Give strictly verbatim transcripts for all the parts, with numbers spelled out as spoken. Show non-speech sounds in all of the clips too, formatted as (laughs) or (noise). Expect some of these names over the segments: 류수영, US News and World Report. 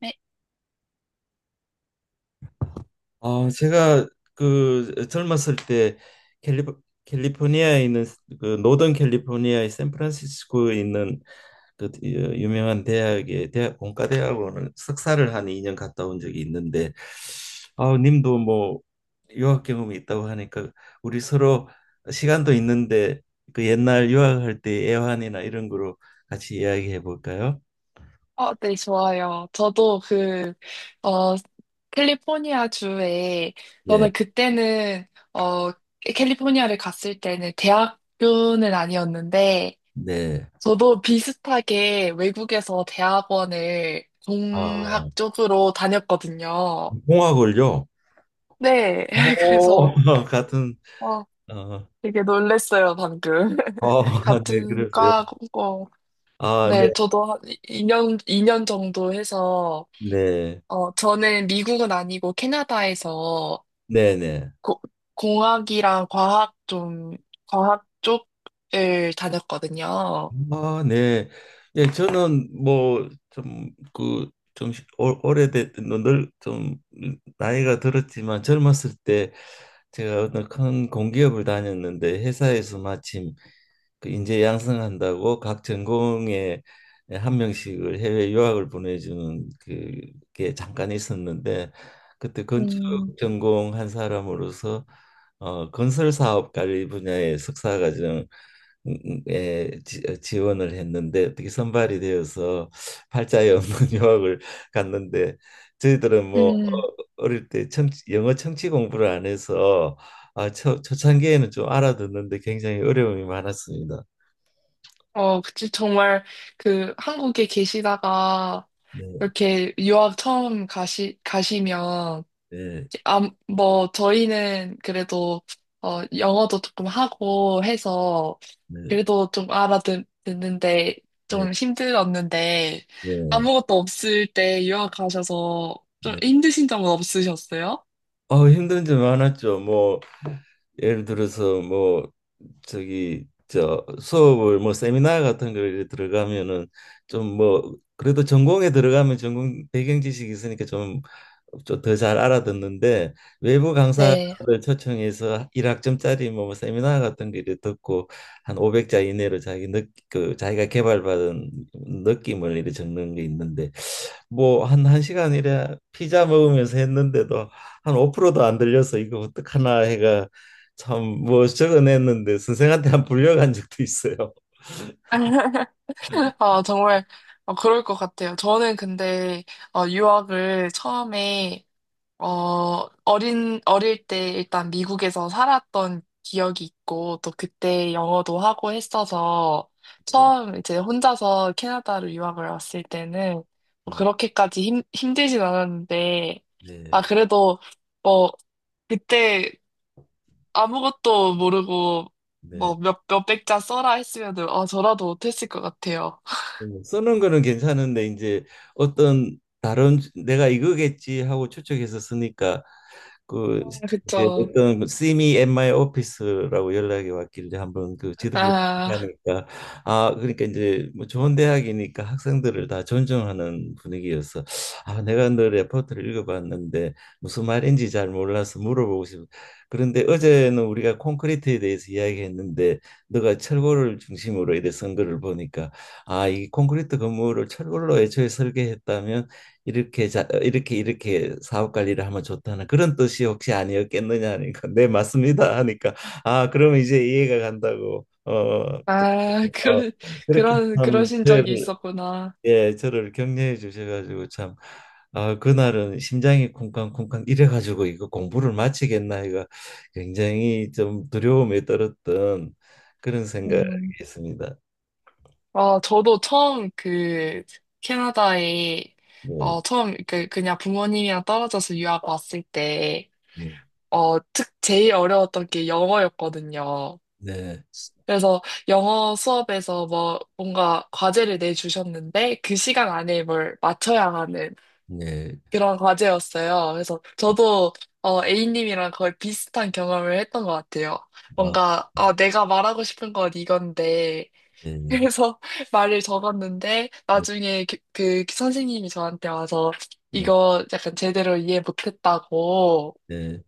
네, 아, 제가 그 젊었을 때 캘리, 캘리포니아에 있는 그 노던 캘리포니아의 샌프란시스코에 있는 그 유명한 대학의 대학 공과대학원을 석사를 한 이 년 갔다 온 적이 있는데, 아, 님도 뭐 유학 경험이 있다고 하니까 우리 서로 시간도 있는데 그 옛날 유학할 때 애환이나 이런 거로 같이 이야기해 볼까요? 어, 네, 좋아요. 저도 그, 어, 캘리포니아 주에, 네. 저는 그때는, 어, 캘리포니아를 갔을 때는 대학교는 아니었는데, 네. 저도 비슷하게 외국에서 대학원을 아, 공학 쪽으로 다녔거든요. 공학을요? 네, (laughs) 오, 그래서, (laughs) 같은. 어, 아, 되게 놀랬어요, 방금. 아, (laughs) (laughs) 네, 같은 그러세요. 과고, 아, 네, 네, 저도 한 이년 이 년 정도 해서, 네, 어, 저는 미국은 아니고 캐나다에서 네, 네. 고- 공학이랑 과학 좀, 과학 쪽을 다녔거든요. 아, 네. 예, 저는 뭐 좀 그 좀 오래됐 늘좀 나이가 들었지만, 젊었을 때 제가 어떤 큰 공기업을 다녔는데 회사에서 마침 그 인재 양성한다고 각 전공에 한 명씩을 해외 유학을 보내주는 그게 잠깐 있었는데, 그때 건축 음, 전공 한 사람으로서 어, 건설 사업 관리 분야의 석사 과정에 지- 지원을 했는데 어떻게 선발이 되어서 팔자에 없는 (laughs) 유학을 갔는데, 저희들은 뭐 어, 음, 어릴 때 청취, 영어 청취 공부를 안 해서 아, 초, 초창기에는 좀 알아듣는데 굉장히 어려움이 많았습니다. 어, 그치. 정말 그 한국에 계시다가 네, 이렇게 유학 처음 가시, 가시면 네, 아, 뭐, 저희는 그래도, 어, 영어도 조금 하고 해서, 네, 그래도 좀 알아듣는데, 네, 좀 힘들었는데, 네, 아무것도 없을 때 유학 가셔서 좀 네. 힘드신 점은 없으셨어요? 아, 힘든 점 많았죠. 뭐 예를 들어서 뭐 저기 저 수업을 뭐 세미나 같은 걸 들어가면은 좀 뭐 그래도 전공에 들어가면 전공 배경 지식이 있으니까 좀 좀 더 잘 알아듣는데, 외부 음. 강사를 네. 초청해서 일 학점짜리 뭐 뭐 세미나 같은 거 듣고 한 오백 자 이내로 자기 느, 그 자기가 개발받은 느낌을 이렇게 적는 게 있는데, 뭐 한 한시간이래 피자 먹으면서 했는데도 한 오 프로도 안 들려서, 이거 어떡하나 해가 참 뭐 적어냈는데 선생한테 한 불려간 적도 있어요. (laughs) 아, 정말, 어, 그럴 것 같아요. 저는 근데, 어, 유학을 처음에 어, 어린, 어릴 때 일단 미국에서 살았던 기억이 있고, 또 그때 영어도 하고 했어서, 네. 처음 이제 혼자서 캐나다로 유학을 왔을 때는, 뭐 아, 그렇게까지 힘, 힘들진 않았는데, 아, 네. 그래도, 뭐, 그때 아무것도 모르고, 네. 뭐, 몇, 몇백 자 써라 했으면, 은 아, 저라도 못했을 것 같아요. 음, 쓰는 거는 괜찮은데 이제 어떤 다른, 내가 이거겠지 하고 추측해서 쓰니까. 그 아, 이제 그쵸. 어떤 "See me at my office라고 연락이 왔길래 한번 그 지도를 아, 하니까, 아, 그러니까 이제 뭐 좋은 대학이니까 학생들을 다 존중하는 분위기여서, 아, 내가 너 레포트를 읽어봤는데 무슨 말인지 잘 몰라서 물어보고 싶어. 그런데 어제는 우리가 콘크리트에 대해서 이야기했는데, 너가 철골을 중심으로 이래 쓴 거를 보니까, 아, 이 콘크리트 건물을 철골로 애초에 설계했다면 이렇게, 자, 어, 이렇게 이렇게 사업 관리를 하면 좋다는 그런 뜻이 혹시 아니었겠느냐 하니까, 네, 맞습니다 하니까, 아, 그러면 이제 이해가 간다고. 어, 아, (laughs) 어 그, 그렇게 그런, 참 그러신 적이 저를, 있었구나. 예, 저를 격려해 주셔가지고 참, 아, 그날은 심장이 쿵쾅쿵쾅 이래가지고 이거 공부를 마치겠나, 이거 굉장히 좀 두려움에 떨었던 그런 생각이 음. 있습니다. 아, 저도 처음 그 캐나다에 네, 어 처음 그 그냥 부모님이랑 떨어져서 유학 왔을 때 네, 어 특 제일 어려웠던 게 영어였거든요. 네, 그래서 영어 수업에서 뭐 뭔가 과제를 내주셨는데 그 시간 안에 뭘 맞춰야 하는 네, 그런 과제였어요. 그래서 저도 어 A님이랑 거의 비슷한 경험을 했던 것 같아요. 아, 뭔가 아 내가 말하고 싶은 건 이건데 네, 네, 그래서 (laughs) 말을 적었는데 나중에 그, 그 선생님이 저한테 와서 네, 이거 약간 제대로 이해 못했다고 네.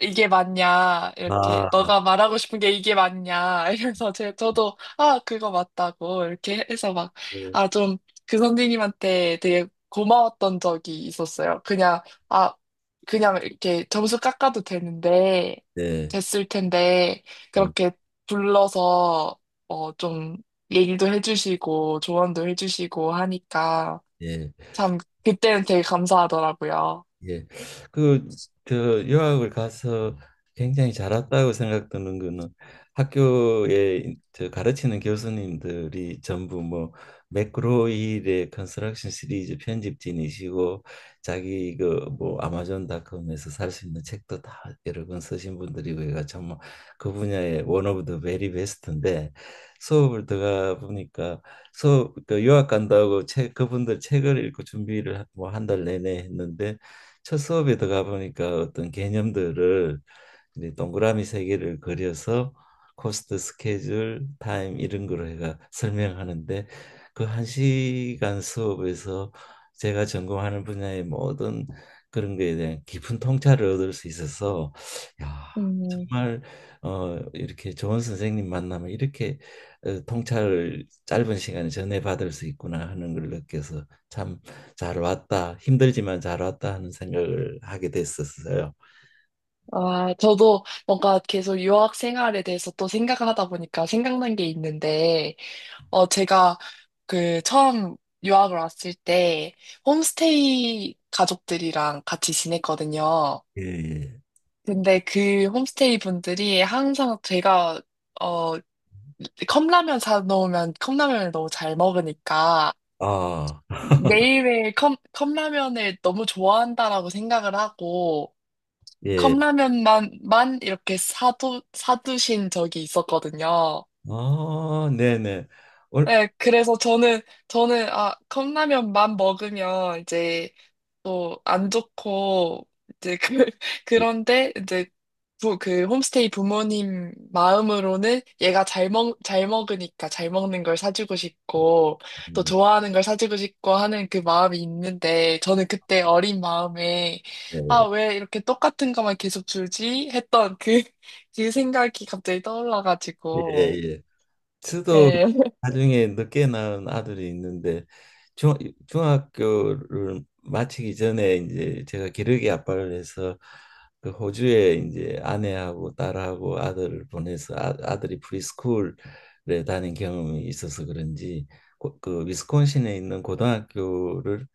이게 맞냐, 이렇게, 아, 너가 말하고 싶은 게 이게 맞냐, 이래서 제, 저도, 아, 그거 맞다고, 이렇게 해서 막, 네. 아, 좀, 그 선생님한테 되게 고마웠던 적이 있었어요. 그냥, 아, 그냥 이렇게 점수 깎아도 되는데, 네. 됐을 텐데, 네. 그렇게 불러서, 어, 좀, 얘기도 해주시고, 조언도 해주시고 하니까, 예. 참, 그때는 되게 감사하더라고요. 예. 그, 그 유학을 가서 굉장히 잘 왔다고 생각드는 거는, 학교에 저 가르치는 교수님들이 전부 뭐 맥그로힐의 컨스트럭션 시리즈 편집진이시고 자기 그 뭐 아마존닷컴에서 살 수 있는 책도 다 여러 권 쓰신 분들이고, 얘가 정말 그 분야의 원 오브 더 베리 베스트인데, 수업을 들어가 보니까, 수업 그 유학 간다고 책 그분들 책을 읽고 준비를 뭐 한 달 내내 했는데, 첫 수업에 들어가 보니까 어떤 개념들을 이제 동그라미 세 개를 그려서 코스트 스케줄 타임 이런 거로 해가 설명하는데, 그 한 시간 수업에서 제가 전공하는 분야의 모든 그런 거에 대한 깊은 통찰을 얻을 수 있어서, 야, 음. 정말 어 이렇게 좋은 선생님 만나면 이렇게 어, 통찰을 짧은 시간에 전해받을 수 있구나 하는 걸 느껴서, 참 잘 왔다, 힘들지만 잘 왔다 하는 생각을 하게 됐었어요. 아, 저도 뭔가 계속 유학 생활에 대해서 또 생각하다 보니까 생각난 게 있는데, 어, 제가 그 처음 유학을 왔을 때 홈스테이 가족들이랑 같이 지냈거든요. 예. 예. 근데 그 홈스테이 분들이 항상 제가, 어, 컵라면 사놓으면 컵라면을 너무 잘 먹으니까 아, 매일매일 컵, 컵라면을 너무 좋아한다라고 생각을 하고, 예. 컵라면만 만 이렇게 사두 사두신 적이 있었거든요. 아, 네네. 얼, 네, 그래서 저는 저는 아 컵라면만 먹으면 이제 또 안 좋고 이제 그 (laughs) 그런데 이제 부, 그 홈스테이 부모님 마음으로는 얘가 잘 먹, 잘 먹으니까 잘 먹는 걸 사주고 싶고 또 음, 좋아하는 걸 사주고 싶고 하는 그 마음이 있는데 저는 그때 어린 마음에 아, 음, 왜 이렇게 똑같은 것만 계속 주지? 했던 그, (laughs) 그 생각이 갑자기 네, 예, 떠올라가지고. 예. 저도 예, (laughs) 나중에 늦게 낳은 아들이 있는데, 중, 중학교를 마치기 전에 이제 제가 기러기 아빠를 해서 그 호주에 이제 아내하고 딸하고 아들을 보내서, 아, 아들이 프리스쿨에 다닌 경험이 있어서 그런지 고, 그 위스콘신에 있는 고등학교를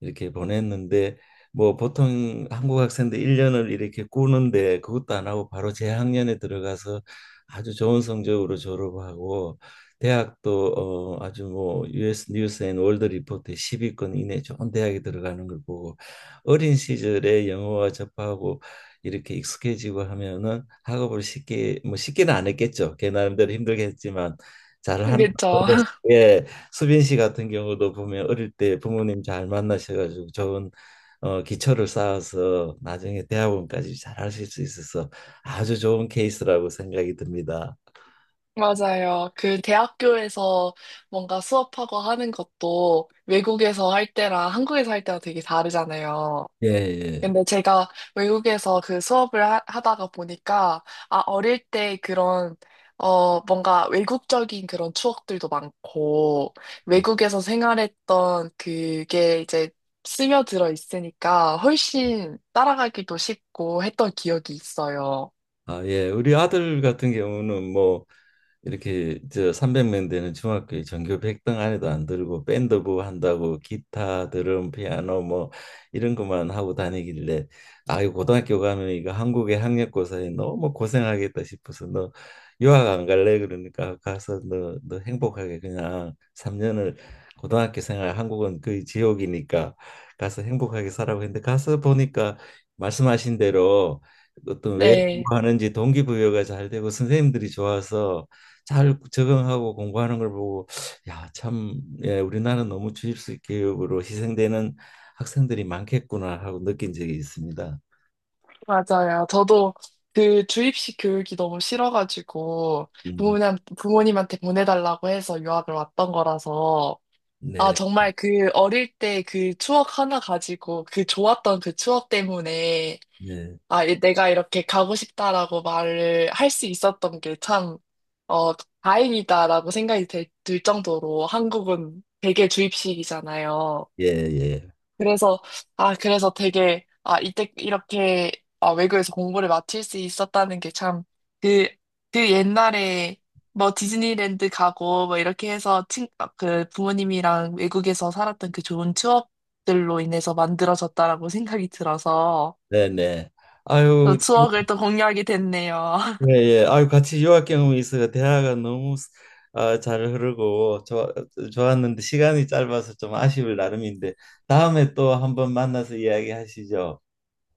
이렇게 보냈는데, 뭐 보통 한국 학생들 일 년을 이렇게 꾸는데 그것도 안 하고 바로 재학년에 들어가서 아주 좋은 성적으로 졸업하고, 대학도 어, 아주 뭐 유에스 뉴스 앤 월드 리포트 십 위권 이내 좋은 대학에 들어가는 걸 보고, 어린 시절에 영어와 접하고 이렇게 익숙해지고 하면은 학업을 쉽게, 뭐 쉽게는 안 했겠죠. 걔 나름대로 힘들게 했지만 잘하는 그렇죠. 방법. (laughs) 예, 수빈 씨 같은 경우도 보면 어릴 때 부모님 잘 만나셔가지고 좋은 어, 기초를 쌓아서 나중에 대학원까지 잘 하실 수 있어서 아주 좋은 케이스라고 생각이 듭니다. 맞아요. 그 대학교에서 뭔가 수업하고 하는 것도 외국에서 할 때랑 한국에서 할 때랑 되게 다르잖아요. 예, 예. 근데 제가 외국에서 그 수업을 하, 하다가 보니까, 아, 어릴 때 그런, 어, 뭔가 외국적인 그런 추억들도 많고, 외국에서 생활했던 그게 이제 스며들어 있으니까 훨씬 따라가기도 쉽고 했던 기억이 있어요. 아, 예. 우리 아들 같은 경우는 뭐 이렇게 저 삼백 명 되는 중학교에 전교 백 등 안에도 안 들고 밴드부 한다고 기타, 드럼, 피아노 뭐 이런 것만 하고 다니길래, 아이, 고등학교 가면 이거 한국의 학력고사에 너무 고생하겠다 싶어서, 너 유학 안 갈래? 그러니까 가서, 너, 너 행복하게 그냥 삼 년을 고등학교 생활, 한국은 거의 지옥이니까 가서 행복하게 살라고 했는데, 가서 보니까 말씀하신 대로 어떤 네, 하는지 동기부여가 잘 되고 선생님들이 좋아서 잘 적응하고 공부하는 걸 보고, 야, 참, 예, 우리나라는 너무 주입식 교육으로 희생되는 학생들이 많겠구나 하고 느낀 적이 있습니다. 맞아요. 저도 그 주입식 교육이 너무 싫어가지고, 음, 부모님, 부모님한테 보내달라고 해서 유학을 왔던 거라서, 아, 네, 정말 그 어릴 때 그 추억 하나 가지고 그 좋았던 그 추억 때문에 네, 아, 이- 내가 이렇게 가고 싶다라고 말을 할 수 있었던 게 참, 어, 다행이다라고 생각이 들, 들 정도로 한국은 대개 주입식이잖아요. 예, 예, 그래서, 아, 그래서 되게, 아, 이때 이렇게, 아, 외국에서 공부를 마칠 수 있었다는 게 참, 그, 그 옛날에, 뭐, 디즈니랜드 가고, 뭐, 이렇게 해서, 친, 아, 그, 부모님이랑 외국에서 살았던 그 좋은 추억들로 인해서 만들어졌다라고 생각이 들어서, 네, 네. 또 아유, 추억을 또 공유하게 됐네요. 예, (laughs) 예. 아유, 같이 유학 경험이 있어서 대화가 너무, 아, 잘 흐르고 좋, 좋았는데 시간이 짧아서 좀 아쉬울 나름인데, 다음에 또 한번 만나서 이야기하시죠.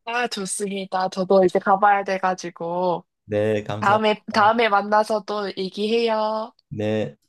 아, 좋습니다. 저도 이제 가봐야 돼가지고, 네, 다음에, 감사합니다. 다음에 만나서 또 얘기해요. 네.